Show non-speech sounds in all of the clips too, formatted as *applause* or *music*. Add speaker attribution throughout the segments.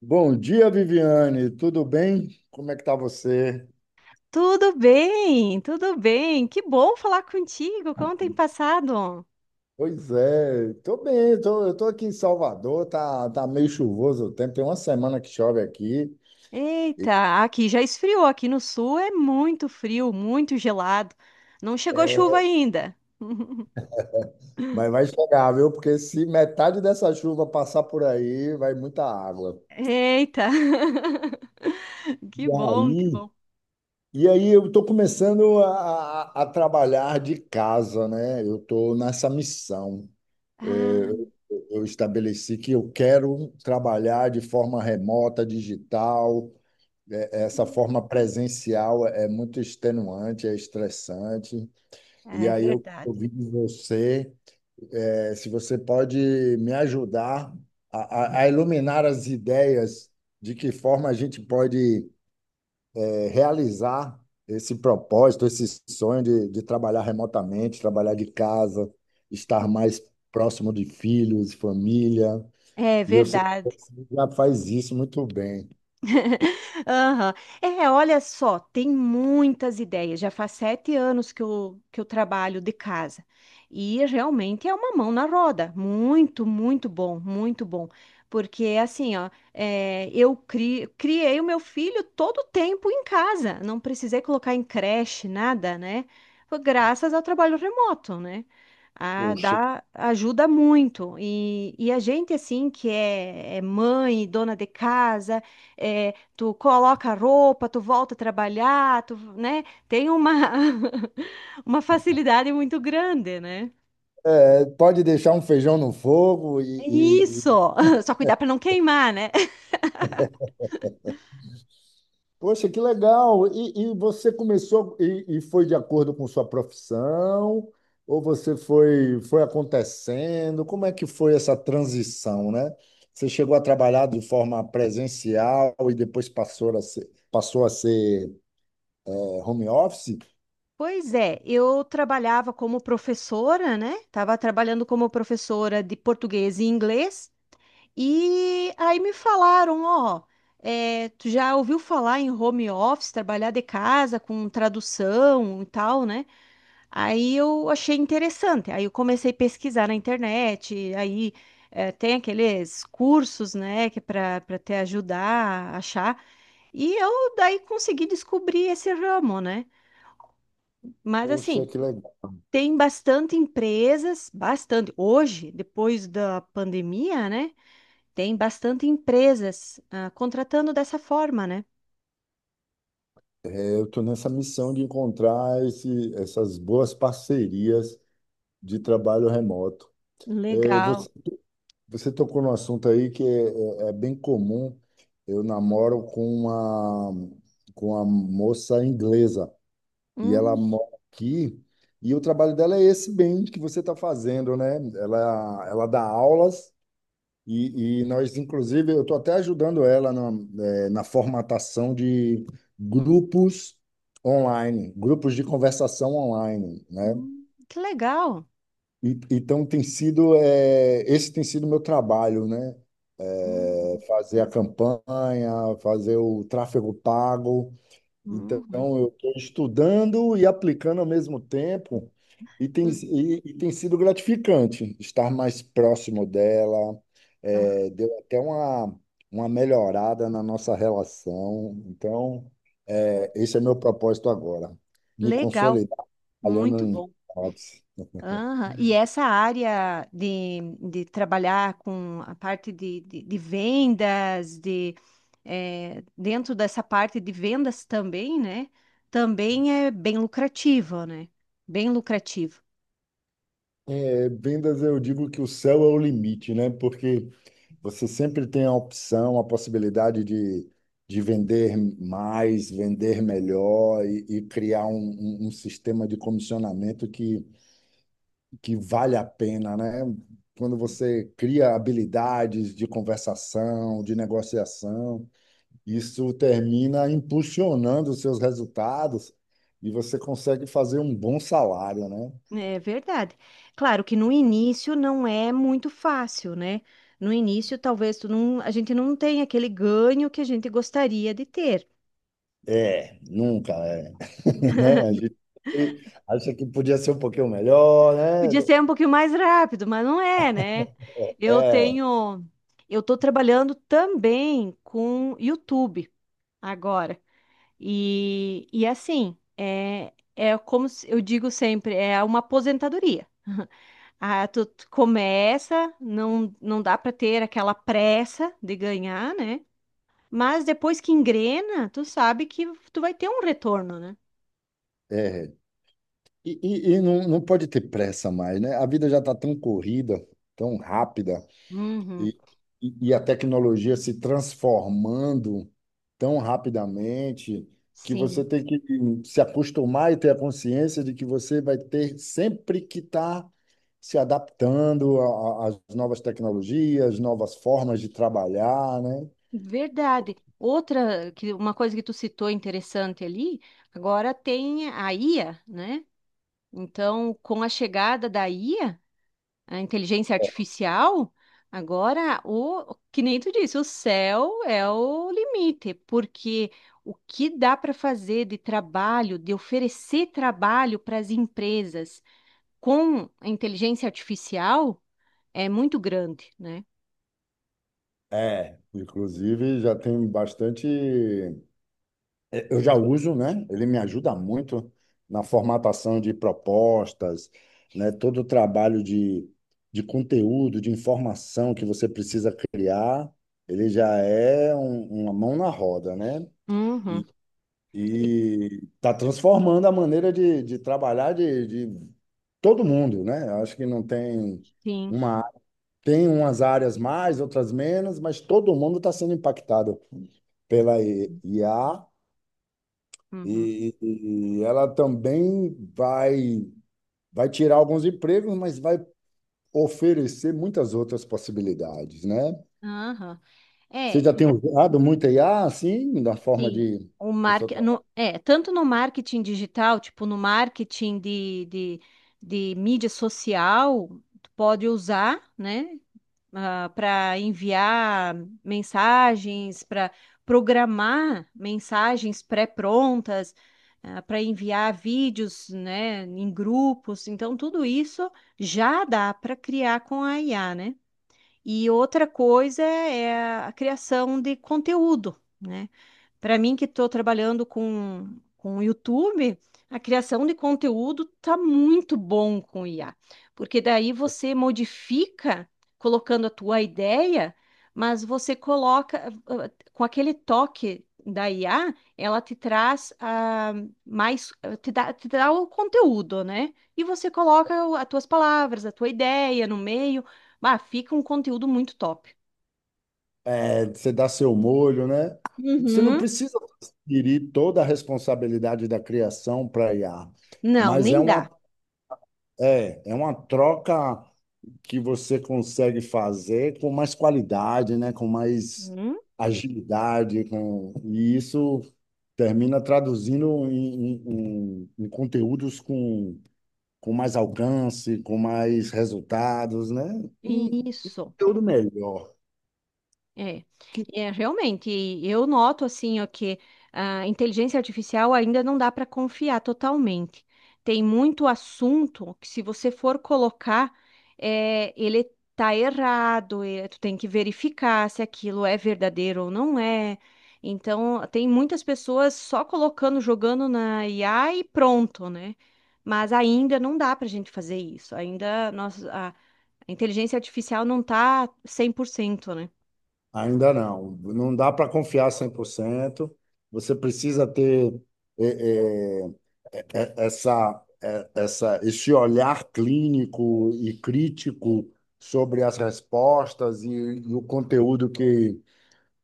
Speaker 1: Bom dia, Viviane. Tudo bem? Como é que tá você?
Speaker 2: Tudo bem, tudo bem. Que bom falar contigo. Como tem passado?
Speaker 1: Pois é, tô bem, eu tô aqui em Salvador, tá meio chuvoso o tempo, tem uma semana que chove aqui.
Speaker 2: Eita, aqui já esfriou. Aqui no sul é muito frio, muito gelado. Não chegou chuva
Speaker 1: É,
Speaker 2: ainda. *laughs*
Speaker 1: mas vai chegar, viu? Porque se metade dessa chuva passar por aí, vai muita água.
Speaker 2: Eita, *laughs* que
Speaker 1: E
Speaker 2: bom, que
Speaker 1: aí,
Speaker 2: bom.
Speaker 1: e aí, eu estou começando a trabalhar de casa, né? Eu estou nessa missão. É,
Speaker 2: Ah,
Speaker 1: eu estabeleci que eu quero trabalhar de forma remota, digital. Essa forma presencial é muito extenuante, é estressante. E
Speaker 2: é
Speaker 1: aí eu
Speaker 2: verdade.
Speaker 1: ouvi de você, é, se você pode me ajudar a iluminar as ideias de que forma a gente pode realizar esse propósito, esse sonho de trabalhar remotamente, trabalhar de casa, estar mais próximo de filhos, família.
Speaker 2: É
Speaker 1: E eu sei
Speaker 2: verdade.
Speaker 1: que já faz isso muito bem.
Speaker 2: *laughs* Aham. É, olha só, tem muitas ideias. Já faz 7 anos que eu trabalho de casa. E é, realmente é uma mão na roda. Muito, muito bom, muito bom. Porque assim, ó, é, eu criei o meu filho todo o tempo em casa. Não precisei colocar em creche, nada, né? Foi graças ao trabalho remoto, né? Ah,
Speaker 1: Poxa.
Speaker 2: dá, ajuda muito. E a gente, assim, que é mãe, dona de casa é, tu coloca a roupa, tu volta a trabalhar, tu, né? Tem uma, *laughs* uma facilidade muito grande, né?
Speaker 1: É, pode deixar um feijão no fogo e...
Speaker 2: Isso! *laughs* Só cuidar para não queimar, né? *laughs*
Speaker 1: Poxa, que legal! E você começou e foi de acordo com sua profissão? Ou você foi acontecendo? Como é que foi essa transição, né? Você chegou a trabalhar de forma presencial e depois passou a ser home office?
Speaker 2: Pois é, eu trabalhava como professora, né? Tava trabalhando como professora de português e inglês. E aí me falaram, ó, tu já ouviu falar em home office, trabalhar de casa com tradução e tal, né? Aí eu achei interessante. Aí eu comecei a pesquisar na internet. Aí tem aqueles cursos, né, que para te ajudar a achar. E eu daí consegui descobrir esse ramo, né? Mas
Speaker 1: Poxa,
Speaker 2: assim,
Speaker 1: que legal!
Speaker 2: tem bastante empresas, bastante. Hoje, depois da pandemia, né, tem bastante empresas contratando dessa forma, né?
Speaker 1: É, eu estou nessa missão de encontrar essas boas parcerias de trabalho remoto. É,
Speaker 2: Legal.
Speaker 1: Você tocou num assunto aí que é bem comum. Eu namoro com uma moça inglesa e ela
Speaker 2: Hum,
Speaker 1: mora aqui. E o trabalho dela é esse bem que você está fazendo, né? Ela dá aulas e nós, inclusive, eu estou até ajudando ela na formatação de grupos online, grupos de conversação online, né?
Speaker 2: que legal.
Speaker 1: Então esse tem sido o meu trabalho, né? É,
Speaker 2: Uhum.
Speaker 1: fazer a campanha, fazer o tráfego pago. Então
Speaker 2: Uhum,
Speaker 1: eu estou estudando e aplicando ao mesmo tempo e
Speaker 2: que
Speaker 1: tem,
Speaker 2: le-
Speaker 1: e, e tem sido gratificante estar mais próximo dela.
Speaker 2: ah.
Speaker 1: É, deu até uma melhorada na nossa relação. Então é, esse é meu propósito agora, me
Speaker 2: Legal.
Speaker 1: consolidar trabalhando
Speaker 2: Muito
Speaker 1: em.
Speaker 2: bom.
Speaker 1: Ops.
Speaker 2: Aham. E essa área de trabalhar com a parte de vendas, dentro dessa parte de vendas também, né? Também é bem lucrativa, né? Bem lucrativa.
Speaker 1: É, vendas, eu digo que o céu é o limite, né? Porque você sempre tem a opção, a possibilidade de vender mais, vender melhor e criar um sistema de comissionamento que vale a pena, né? Quando você cria habilidades de conversação, de negociação, isso termina impulsionando os seus resultados e você consegue fazer um bom salário, né?
Speaker 2: É verdade. Claro que no início não é muito fácil, né? No início, talvez tu não, a gente não tenha aquele ganho que a gente gostaria de ter.
Speaker 1: É, nunca, é. *laughs* Né? A gente sempre acha que podia ser um pouquinho melhor, né?
Speaker 2: Podia ser um pouquinho mais rápido, mas não é, né? Eu
Speaker 1: É,
Speaker 2: tenho, eu tô trabalhando também com YouTube agora. E assim, é, é como se- eu digo sempre, é uma aposentadoria. Ah, tu começa, não, não dá para ter aquela pressa de ganhar, né? Mas depois que engrena, tu sabe que tu vai ter um retorno, né?
Speaker 1: é. E não, não pode ter pressa mais, né? A vida já está tão corrida, tão rápida,
Speaker 2: Uhum,
Speaker 1: e, e a tecnologia se transformando tão rapidamente que você
Speaker 2: sim.
Speaker 1: tem que se acostumar e ter a consciência de que você vai ter sempre que estar se adaptando às novas tecnologias, novas formas de trabalhar, né?
Speaker 2: Verdade. Outra, que uma coisa que tu citou interessante ali, agora tem a IA, né? Então, com a chegada da IA, a inteligência artificial, que nem tu disse, o céu é o limite, porque o que dá para fazer de trabalho, de oferecer trabalho para as empresas com a inteligência artificial é muito grande, né?
Speaker 1: É, inclusive já tem bastante. Eu já uso, né? Ele me ajuda muito na formatação de propostas, né? Todo o trabalho de conteúdo, de informação que você precisa criar, ele já é uma mão na roda, né?
Speaker 2: Uhum.
Speaker 1: E
Speaker 2: E-
Speaker 1: e está transformando a maneira de trabalhar de todo mundo, né? Eu acho que não tem
Speaker 2: Sim.
Speaker 1: uma, tem umas áreas mais, outras menos, mas todo mundo está sendo impactado pela IA
Speaker 2: Uhum.
Speaker 1: e ela também vai, tirar alguns empregos, mas vai oferecer muitas outras possibilidades, né?
Speaker 2: Aham.
Speaker 1: Você
Speaker 2: É,
Speaker 1: já tem usado muita IA, assim, da forma
Speaker 2: sim.
Speaker 1: de...
Speaker 2: O
Speaker 1: o seu
Speaker 2: market,
Speaker 1: tra-
Speaker 2: no, é, tanto no marketing digital, tipo no marketing de mídia social, tu pode usar, né, para enviar mensagens, para programar mensagens pré-prontas, para enviar vídeos, né, em grupos. Então, tudo isso já dá para criar com a IA, né? E outra coisa é a criação de conteúdo, né? Para mim, que estou trabalhando com o YouTube, a criação de conteúdo tá muito bom com IA, porque daí você modifica colocando a tua ideia, mas você coloca com aquele toque da IA, ela te traz mais, te dá o conteúdo, né? E você coloca as tuas palavras, a tua ideia no meio, fica um conteúdo muito top.
Speaker 1: é, Você dá seu molho, né? Você não
Speaker 2: Uhum.
Speaker 1: precisa transferir toda a responsabilidade da criação para IA,
Speaker 2: Não,
Speaker 1: mas é
Speaker 2: nem
Speaker 1: uma,
Speaker 2: dá.
Speaker 1: é, é uma troca que você consegue fazer com mais qualidade, né? Com mais
Speaker 2: Uhum.
Speaker 1: agilidade, com, e isso termina traduzindo em conteúdos com mais alcance, com mais resultados, né? E
Speaker 2: Isso.
Speaker 1: tudo melhor.
Speaker 2: É,
Speaker 1: Que
Speaker 2: é realmente, e eu noto assim, ó, que a inteligência artificial ainda não dá para confiar totalmente. Tem muito assunto que se você for colocar, ele tá errado, e tu tem que verificar se aquilo é verdadeiro ou não é. Então, tem muitas pessoas só colocando, jogando na IA e pronto, né? Mas ainda não dá para a gente fazer isso. A inteligência artificial não tá 100%, né?
Speaker 1: ainda não, não dá para confiar 100%. Você precisa ter é, é, esse olhar clínico e crítico sobre as respostas e o conteúdo que,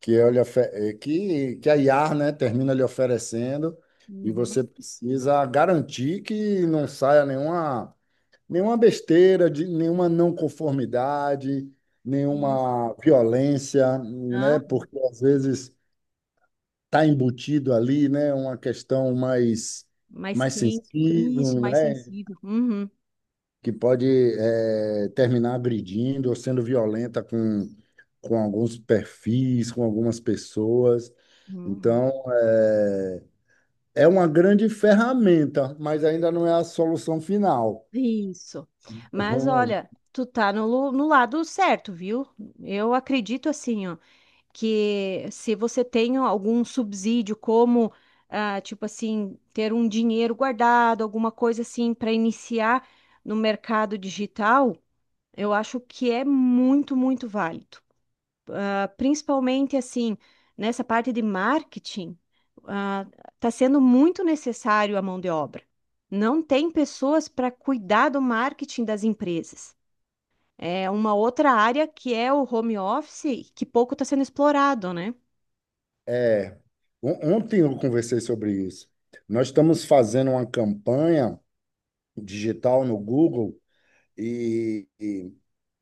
Speaker 1: que, eu lhe ofe- eh, que, que a IAR, né, termina lhe oferecendo, e
Speaker 2: Uhum.
Speaker 1: você precisa garantir que não saia nenhuma besteira, de, nenhuma não conformidade,
Speaker 2: Isso.
Speaker 1: nenhuma violência, né,
Speaker 2: Hã?
Speaker 1: porque às vezes está embutido ali, né, uma questão mais
Speaker 2: Mais
Speaker 1: mais
Speaker 2: quente.
Speaker 1: sensível,
Speaker 2: Isso, mais
Speaker 1: né?
Speaker 2: sensível. Uhum,
Speaker 1: Que pode terminar agredindo ou sendo violenta com alguns perfis, com algumas pessoas.
Speaker 2: uhum.
Speaker 1: Então, é uma grande ferramenta, mas ainda não é a solução final.
Speaker 2: Isso. Mas
Speaker 1: Então,
Speaker 2: olha, tu tá no lado certo, viu? Eu acredito assim, ó, que se você tem algum subsídio, como, tipo assim, ter um dinheiro guardado, alguma coisa assim, para iniciar no mercado digital, eu acho que é muito, muito válido. Principalmente assim, nessa parte de marketing, está sendo muito necessário a mão de obra. Não tem pessoas para cuidar do marketing das empresas. É uma outra área que é o home office, que pouco está sendo explorado, né?
Speaker 1: é, ontem eu conversei sobre isso. Nós estamos fazendo uma campanha digital no Google. E, e,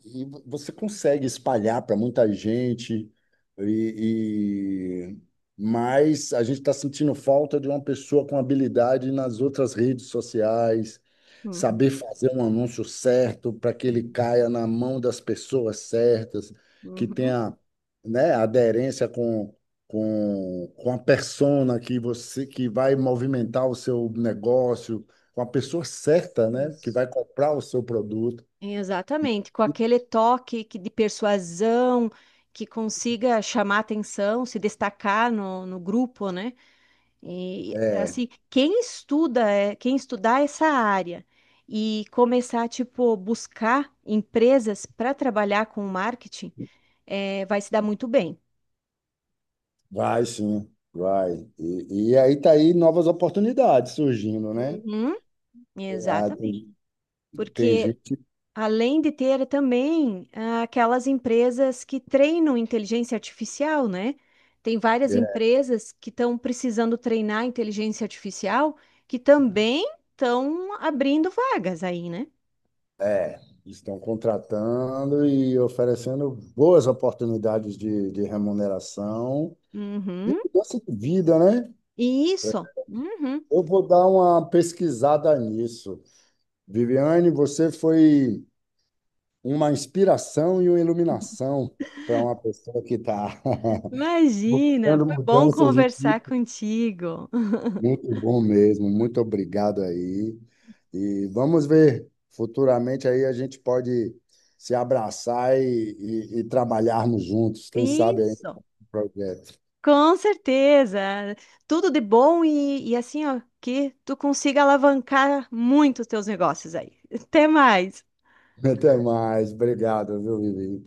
Speaker 1: e você consegue espalhar para muita gente, e, e- mas a gente está sentindo falta de uma pessoa com habilidade nas outras redes sociais,
Speaker 2: Uhum,
Speaker 1: saber fazer um anúncio certo para que ele
Speaker 2: uhum,
Speaker 1: caia na mão das pessoas certas, que
Speaker 2: uhum.
Speaker 1: tenha, né, aderência com a persona que você que vai movimentar o seu negócio com a pessoa certa, né? Que
Speaker 2: Isso.
Speaker 1: vai comprar o seu produto. E-
Speaker 2: Exatamente, com aquele toque de persuasão que consiga chamar atenção, se destacar no grupo, né? E,
Speaker 1: É,
Speaker 2: assim, quem estudar essa área e começar, tipo, buscar empresas para trabalhar com marketing, vai se dar muito bem.
Speaker 1: vai sim, vai. E aí tá aí novas oportunidades surgindo, né?
Speaker 2: Uhum.
Speaker 1: Ah,
Speaker 2: Exatamente.
Speaker 1: tem
Speaker 2: Porque
Speaker 1: gente
Speaker 2: além de ter também aquelas empresas que treinam inteligência artificial, né? Tem várias empresas que estão precisando treinar inteligência artificial que também estão abrindo vagas aí, né?
Speaker 1: é, estão contratando e oferecendo boas oportunidades de remuneração e
Speaker 2: Uhum.
Speaker 1: mudança de vida, né?
Speaker 2: Isso. Uhum.
Speaker 1: Eu vou dar uma pesquisada nisso. Viviane, você foi uma inspiração e uma iluminação para uma pessoa que está *laughs*
Speaker 2: Imagina,
Speaker 1: buscando
Speaker 2: foi bom
Speaker 1: mudanças de
Speaker 2: conversar
Speaker 1: vida.
Speaker 2: contigo.
Speaker 1: Muito bom mesmo, muito obrigado aí. E vamos ver, futuramente aí a gente pode se abraçar e trabalharmos juntos, quem sabe aí
Speaker 2: Isso,
Speaker 1: no projeto.
Speaker 2: com certeza. Tudo de bom e, assim, ó, que tu consiga alavancar muito os teus negócios aí. Até mais.
Speaker 1: *laughs* Até mais, obrigado, viu, Vivi?